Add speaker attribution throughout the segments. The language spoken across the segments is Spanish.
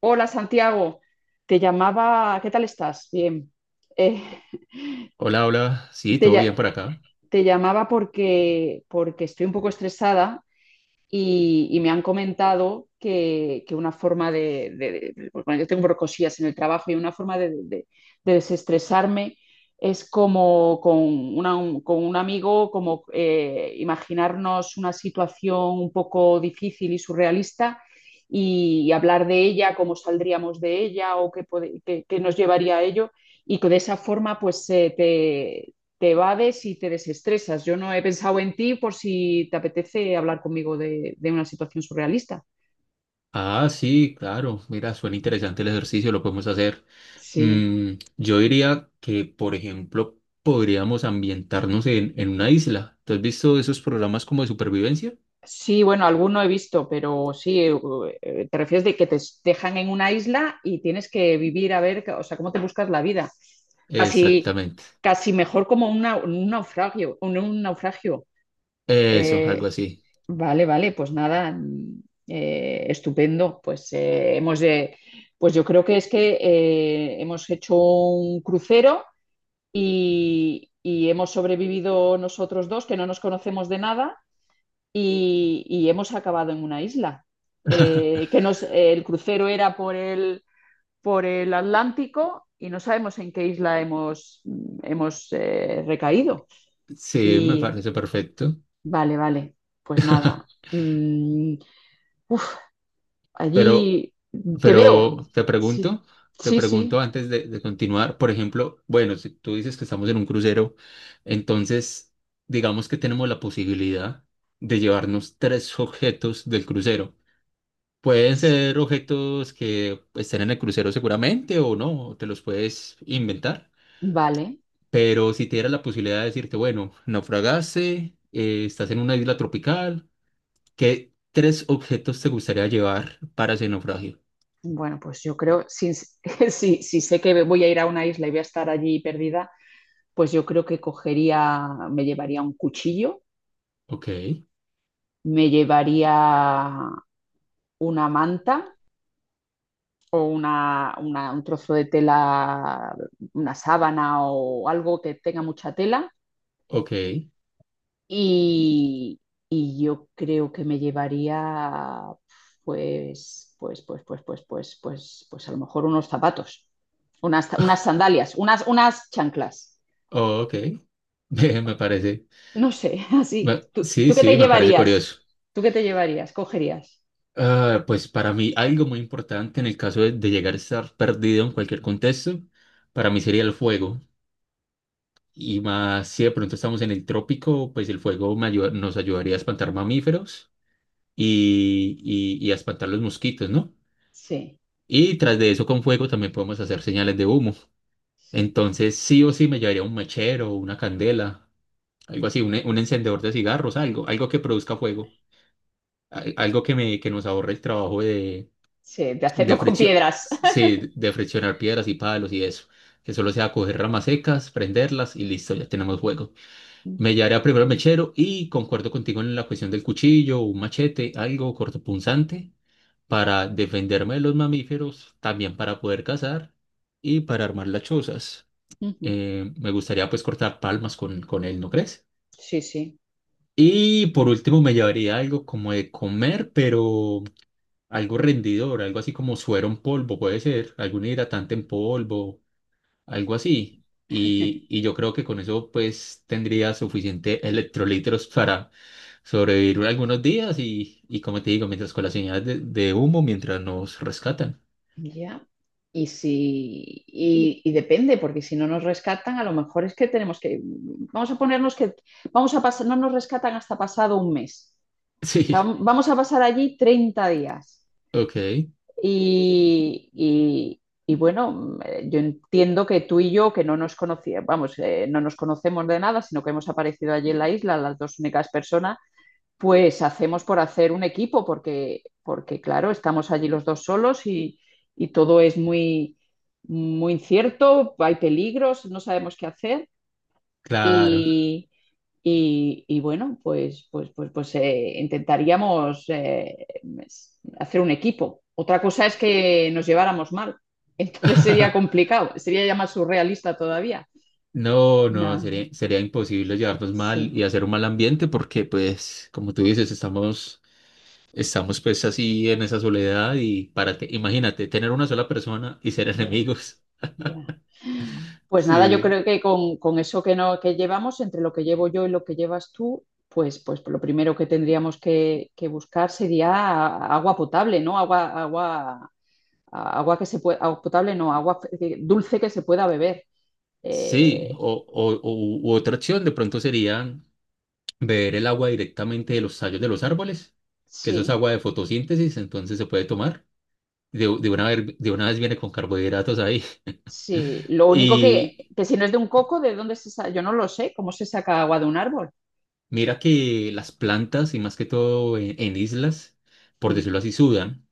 Speaker 1: Hola Santiago, te llamaba. ¿Qué tal estás? Bien. Eh,
Speaker 2: Hola, hola. Sí,
Speaker 1: te,
Speaker 2: todo
Speaker 1: lla-
Speaker 2: bien por acá.
Speaker 1: te llamaba porque estoy un poco estresada y me han comentado que una forma bueno, yo tengo brocosillas en el trabajo y una forma de desestresarme es como con un amigo, como imaginarnos una situación un poco difícil y surrealista y hablar de ella, cómo saldríamos de ella o qué nos llevaría a ello. Y que de esa forma, pues, te evades y te desestresas. Yo no he pensado en ti por si te apetece hablar conmigo de una situación surrealista.
Speaker 2: Ah, sí, claro. Mira, suena interesante el ejercicio, lo podemos hacer.
Speaker 1: Sí.
Speaker 2: Mm, yo diría que, por ejemplo, podríamos ambientarnos en una isla. ¿Tú has visto esos programas como de supervivencia?
Speaker 1: Sí, bueno, alguno he visto, pero sí, te refieres de que te dejan en una isla y tienes que vivir a ver, o sea, cómo te buscas la vida. Casi,
Speaker 2: Exactamente.
Speaker 1: casi mejor como un naufragio, un naufragio.
Speaker 2: Eso, algo
Speaker 1: Eh,
Speaker 2: así.
Speaker 1: Vale, vale, pues nada, estupendo. Pues yo creo que es que hemos hecho un crucero y hemos sobrevivido nosotros dos, que no nos conocemos de nada, y hemos acabado en una isla. Eh, que nos, el crucero era por el Atlántico y no sabemos en qué isla hemos recaído.
Speaker 2: Sí, me
Speaker 1: Y
Speaker 2: parece perfecto.
Speaker 1: vale, vale, pues nada. Mm, uf,
Speaker 2: Pero
Speaker 1: Allí te veo.
Speaker 2: Pero
Speaker 1: Sí,
Speaker 2: te
Speaker 1: sí,
Speaker 2: pregunto
Speaker 1: sí.
Speaker 2: antes de continuar, por ejemplo, bueno, si tú dices que estamos en un crucero, entonces digamos que tenemos la posibilidad de llevarnos tres objetos del crucero. Pueden ser objetos que estén en el crucero seguramente o no, o te los puedes inventar,
Speaker 1: Vale.
Speaker 2: pero si te diera la posibilidad de decirte, bueno, naufragaste, estás en una isla tropical, ¿qué tres objetos te gustaría llevar para ese naufragio?
Speaker 1: Bueno, pues yo creo, si, si sé que voy a ir a una isla y voy a estar allí perdida, pues yo creo que cogería, me llevaría un cuchillo,
Speaker 2: Ok,
Speaker 1: me llevaría una manta o un trozo de tela, una sábana o algo que tenga mucha tela.
Speaker 2: ok.
Speaker 1: Y, y yo creo que me llevaría, pues a lo mejor unos zapatos, unas sandalias, unas chanclas.
Speaker 2: Oh, ok, me parece,
Speaker 1: No sé, así.
Speaker 2: me-
Speaker 1: ¿Tú,
Speaker 2: sí,
Speaker 1: tú qué te
Speaker 2: sí, me parece
Speaker 1: llevarías?
Speaker 2: curioso.
Speaker 1: ¿Tú qué te llevarías? ¿Cogerías?
Speaker 2: Ah, pues para mí algo muy importante en el caso de llegar a estar perdido en cualquier contexto, para mí sería el fuego. Y más si de pronto estamos en el trópico, pues el fuego me ayuda- nos ayudaría a espantar mamíferos y, y a espantar los mosquitos, ¿no?
Speaker 1: Sí,
Speaker 2: Y tras de eso con fuego también podemos hacer señales de humo.
Speaker 1: sí,
Speaker 2: Entonces sí o sí me llevaría un mechero, una candela, algo así, un encendedor de cigarros, algo, algo que produzca fuego. Que nos ahorre el trabajo
Speaker 1: sí, de
Speaker 2: de
Speaker 1: hacerlo con
Speaker 2: fricción,
Speaker 1: piedras.
Speaker 2: sí, de friccionar piedras y palos y eso. Que solo sea coger ramas secas, prenderlas y listo, ya tenemos juego. Me llevaré primero al mechero y concuerdo contigo en la cuestión del cuchillo, un machete, algo cortopunzante para defenderme de los mamíferos, también para poder cazar y para armar las chozas.
Speaker 1: Ujú.
Speaker 2: Me gustaría pues cortar palmas con él, ¿no crees?
Speaker 1: Sí, sí.
Speaker 2: Y por último me llevaría algo como de comer, pero algo rendidor, algo así como suero en polvo, puede ser, algún hidratante en polvo, algo así. Y yo creo que con eso pues tendría suficiente electrolitos para sobrevivir algunos días y como te digo, mientras con las señales de humo, mientras nos rescatan.
Speaker 1: Ya. Y depende, porque si no nos rescatan, a lo mejor es que tenemos que, vamos a ponernos que, vamos a pasar, no nos rescatan hasta pasado un mes. O sea,
Speaker 2: Sí,
Speaker 1: vamos a pasar allí 30 días.
Speaker 2: ok,
Speaker 1: Y, y- y bueno, yo entiendo que tú y yo, que no nos conocíamos, vamos, no nos conocemos de nada, sino que hemos aparecido allí en la isla, las dos únicas personas, pues hacemos por hacer un equipo, porque claro, estamos allí los dos solos y todo es muy, muy incierto, hay peligros, no sabemos qué hacer
Speaker 2: claro.
Speaker 1: y, y bueno, pues intentaríamos hacer un equipo. Otra cosa es que nos lleváramos mal, entonces sería complicado, sería ya más surrealista todavía.
Speaker 2: No, no,
Speaker 1: No,
Speaker 2: sería, sería imposible llevarnos mal y
Speaker 1: sí,
Speaker 2: hacer un mal ambiente porque pues, como tú dices, estamos pues así en esa soledad y imagínate, tener una sola persona y ser
Speaker 1: ya, yeah,
Speaker 2: enemigos.
Speaker 1: ya. Yeah. Pues nada, yo
Speaker 2: Sí.
Speaker 1: creo que con eso que, no, que llevamos, entre lo que llevo yo y lo que llevas tú, pues lo primero que tendríamos que buscar sería agua potable, ¿no? Agua que se puede, agua potable, no, agua dulce que se pueda beber.
Speaker 2: Sí,
Speaker 1: Eh,
Speaker 2: o- u otra opción de pronto sería beber el agua directamente de los tallos de los árboles, que eso es
Speaker 1: sí,
Speaker 2: agua de fotosíntesis, entonces se puede tomar. De una vez, de una vez viene con carbohidratos ahí.
Speaker 1: sí. Lo único que,
Speaker 2: Y
Speaker 1: que si no es de un coco, ¿de dónde se saca? Yo no lo sé, ¿cómo se saca agua de un árbol?
Speaker 2: mira que las plantas, y más que todo en islas, por
Speaker 1: Mm,
Speaker 2: decirlo así, sudan.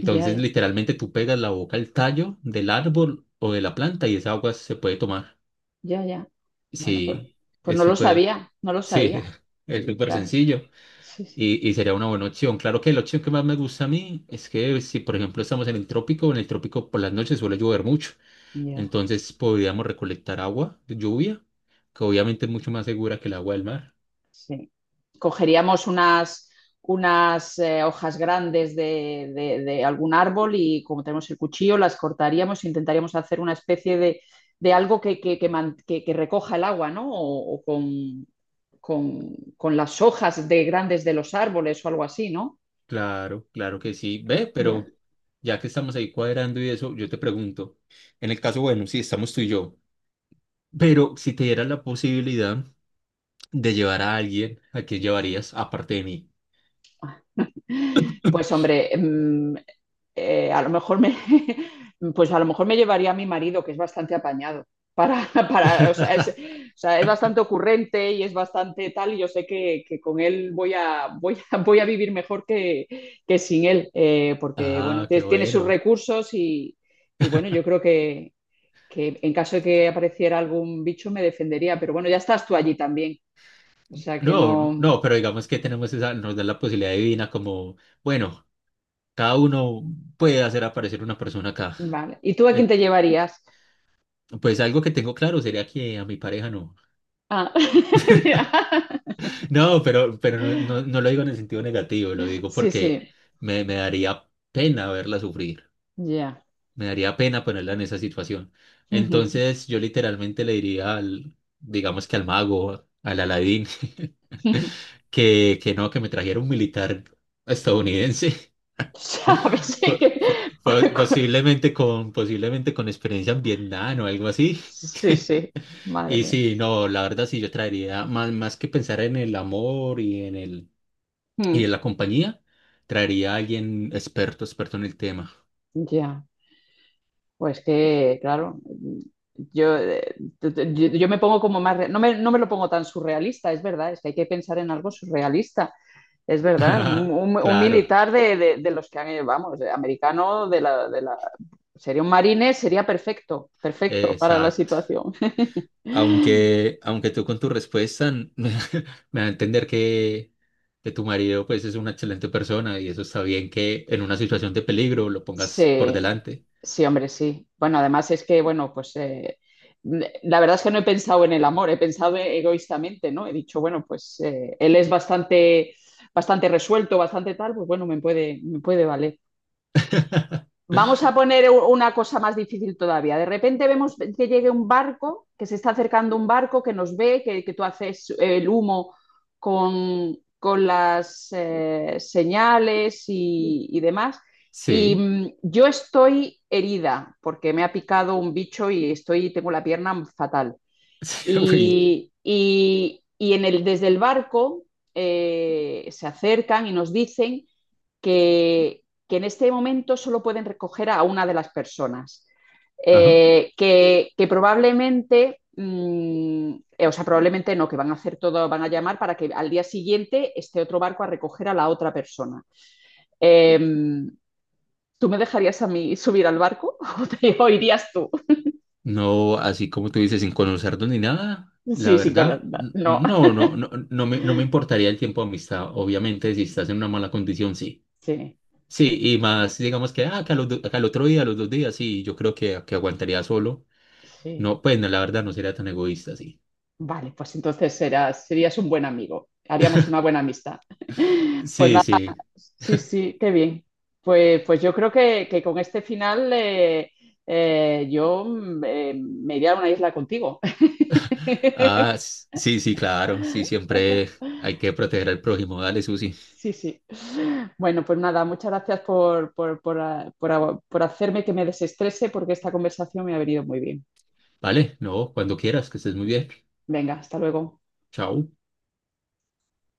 Speaker 1: ya, ya,
Speaker 2: literalmente tú pegas la boca al tallo del árbol o de la planta y esa agua se puede tomar.
Speaker 1: ya, ya. Bueno, pues,
Speaker 2: Sí,
Speaker 1: pues
Speaker 2: es
Speaker 1: no lo
Speaker 2: súper,
Speaker 1: sabía, no lo
Speaker 2: sí,
Speaker 1: sabía.
Speaker 2: es súper
Speaker 1: Claro.
Speaker 2: sencillo
Speaker 1: Sí, sí.
Speaker 2: y sería una buena opción. Claro que la opción que más me gusta a mí es que si, por ejemplo, estamos en el trópico por las noches suele llover mucho.
Speaker 1: Ya.
Speaker 2: Entonces podríamos recolectar agua de lluvia, que obviamente es mucho más segura que el agua del mar.
Speaker 1: Sí. Cogeríamos unas hojas grandes de algún árbol y como tenemos el cuchillo, las cortaríamos e intentaríamos hacer una especie de algo que recoja el agua, ¿no? O con las hojas de grandes de los árboles o algo así, ¿no?
Speaker 2: Claro, claro que sí. Ve,
Speaker 1: Ya.
Speaker 2: pero ya que estamos ahí cuadrando y eso, yo te pregunto, en el caso, bueno, si estamos tú y yo. Pero si te dieras la posibilidad de llevar a alguien, ¿a quién llevarías aparte de mí?
Speaker 1: Pues hombre, a lo mejor me, pues a lo mejor me llevaría a mi marido, que es bastante apañado. Para, o sea, o sea, es bastante ocurrente y es bastante tal, y yo sé que con él voy a, voy a vivir mejor que sin él, porque bueno,
Speaker 2: Ah, qué
Speaker 1: tiene sus
Speaker 2: bueno.
Speaker 1: recursos y bueno, yo creo que en caso de que apareciera algún bicho me defendería, pero bueno, ya estás tú allí también, o sea que
Speaker 2: No,
Speaker 1: no,
Speaker 2: no, pero digamos que tenemos esa, nos da la posibilidad divina como, bueno, cada uno puede hacer aparecer una persona acá.
Speaker 1: vale. ¿Y tú a quién
Speaker 2: Eh,
Speaker 1: te llevarías?
Speaker 2: Pues algo que tengo claro sería que a mi pareja no.
Speaker 1: Ah, mira.
Speaker 2: No, pero no, no lo digo en el sentido negativo, lo digo
Speaker 1: Sí,
Speaker 2: porque
Speaker 1: sí,
Speaker 2: me daría pena verla sufrir.
Speaker 1: ya.
Speaker 2: Me daría pena ponerla en esa situación.
Speaker 1: Ujú.
Speaker 2: Entonces yo literalmente le diría al, digamos que al mago, al Aladín, que no, que me trajera un militar estadounidense,
Speaker 1: ¿Sabes?
Speaker 2: po-
Speaker 1: Cu-
Speaker 2: po-
Speaker 1: cu-
Speaker 2: posiblemente posiblemente con experiencia en Vietnam o algo así.
Speaker 1: Sí, sí, madre
Speaker 2: Y
Speaker 1: mía.
Speaker 2: sí, no, la verdad sí, yo traería, más que pensar en el amor y
Speaker 1: Mm,
Speaker 2: en la compañía, traería a alguien experto, experto en el tema.
Speaker 1: Ya, pues que, claro, yo, t- t- yo me pongo como más, no me lo pongo tan surrealista, es verdad, es que hay que pensar en algo surrealista, es verdad, un
Speaker 2: Claro,
Speaker 1: militar de los que han, vamos, americano, de la, sería un marine, sería perfecto, perfecto para la
Speaker 2: exacto.
Speaker 1: situación.
Speaker 2: Aunque tú con tu respuesta n- me da a entender que tu marido pues es una excelente persona y eso está bien que en una situación de peligro lo pongas por
Speaker 1: Sí,
Speaker 2: delante.
Speaker 1: sí, hombre, sí. Bueno, además es que, bueno, pues la verdad es que no he pensado en el amor, he pensado egoístamente, ¿no? He dicho, bueno, pues él es bastante, bastante resuelto, bastante tal, pues bueno, me puede valer. Vamos a poner una cosa más difícil todavía. De repente vemos que llegue un barco, que se está acercando un barco, que nos ve, que tú haces el humo con las señales y demás. Y
Speaker 2: Sí,
Speaker 1: yo estoy herida porque me ha picado un bicho y estoy, tengo la pierna fatal.
Speaker 2: sí, uy,
Speaker 1: Desde el barco se acercan y nos dicen que en este momento solo pueden recoger a una de las personas.
Speaker 2: ajá.
Speaker 1: O sea, probablemente no, que van a hacer todo, van a llamar para que al día siguiente esté otro barco a recoger a la otra persona. Eh, ¿Tú me dejarías a mí subir al barco o, o irías tú?
Speaker 2: No, así como tú dices, sin conocernos ni nada, la
Speaker 1: Sí, sí,
Speaker 2: verdad,
Speaker 1: con,
Speaker 2: n-
Speaker 1: no.
Speaker 2: no, no, no, no me importaría el tiempo de amistad. Obviamente, si estás en una mala condición, sí.
Speaker 1: Sí,
Speaker 2: Sí,
Speaker 1: sí,
Speaker 2: y más, digamos que, ah, otro que al otro día, a los dos días, sí, yo creo que aguantaría solo. No,
Speaker 1: sí.
Speaker 2: pues no, la verdad no sería tan egoísta, sí.
Speaker 1: Vale, pues entonces serías un buen amigo. Haríamos una buena amistad. Pues
Speaker 2: Sí,
Speaker 1: nada.
Speaker 2: sí.
Speaker 1: Sí, sí, qué bien. Pues yo creo que con este final yo me iría a una isla contigo.
Speaker 2: Ah, s- sí, sí, claro. Sí, siempre hay que proteger al prójimo. Dale, Susi.
Speaker 1: Sí, sí. Bueno, pues nada, muchas gracias por hacerme que me desestrese porque esta conversación me ha venido muy bien.
Speaker 2: Vale, no, cuando quieras, que estés muy bien.
Speaker 1: Venga, hasta luego.
Speaker 2: Chao.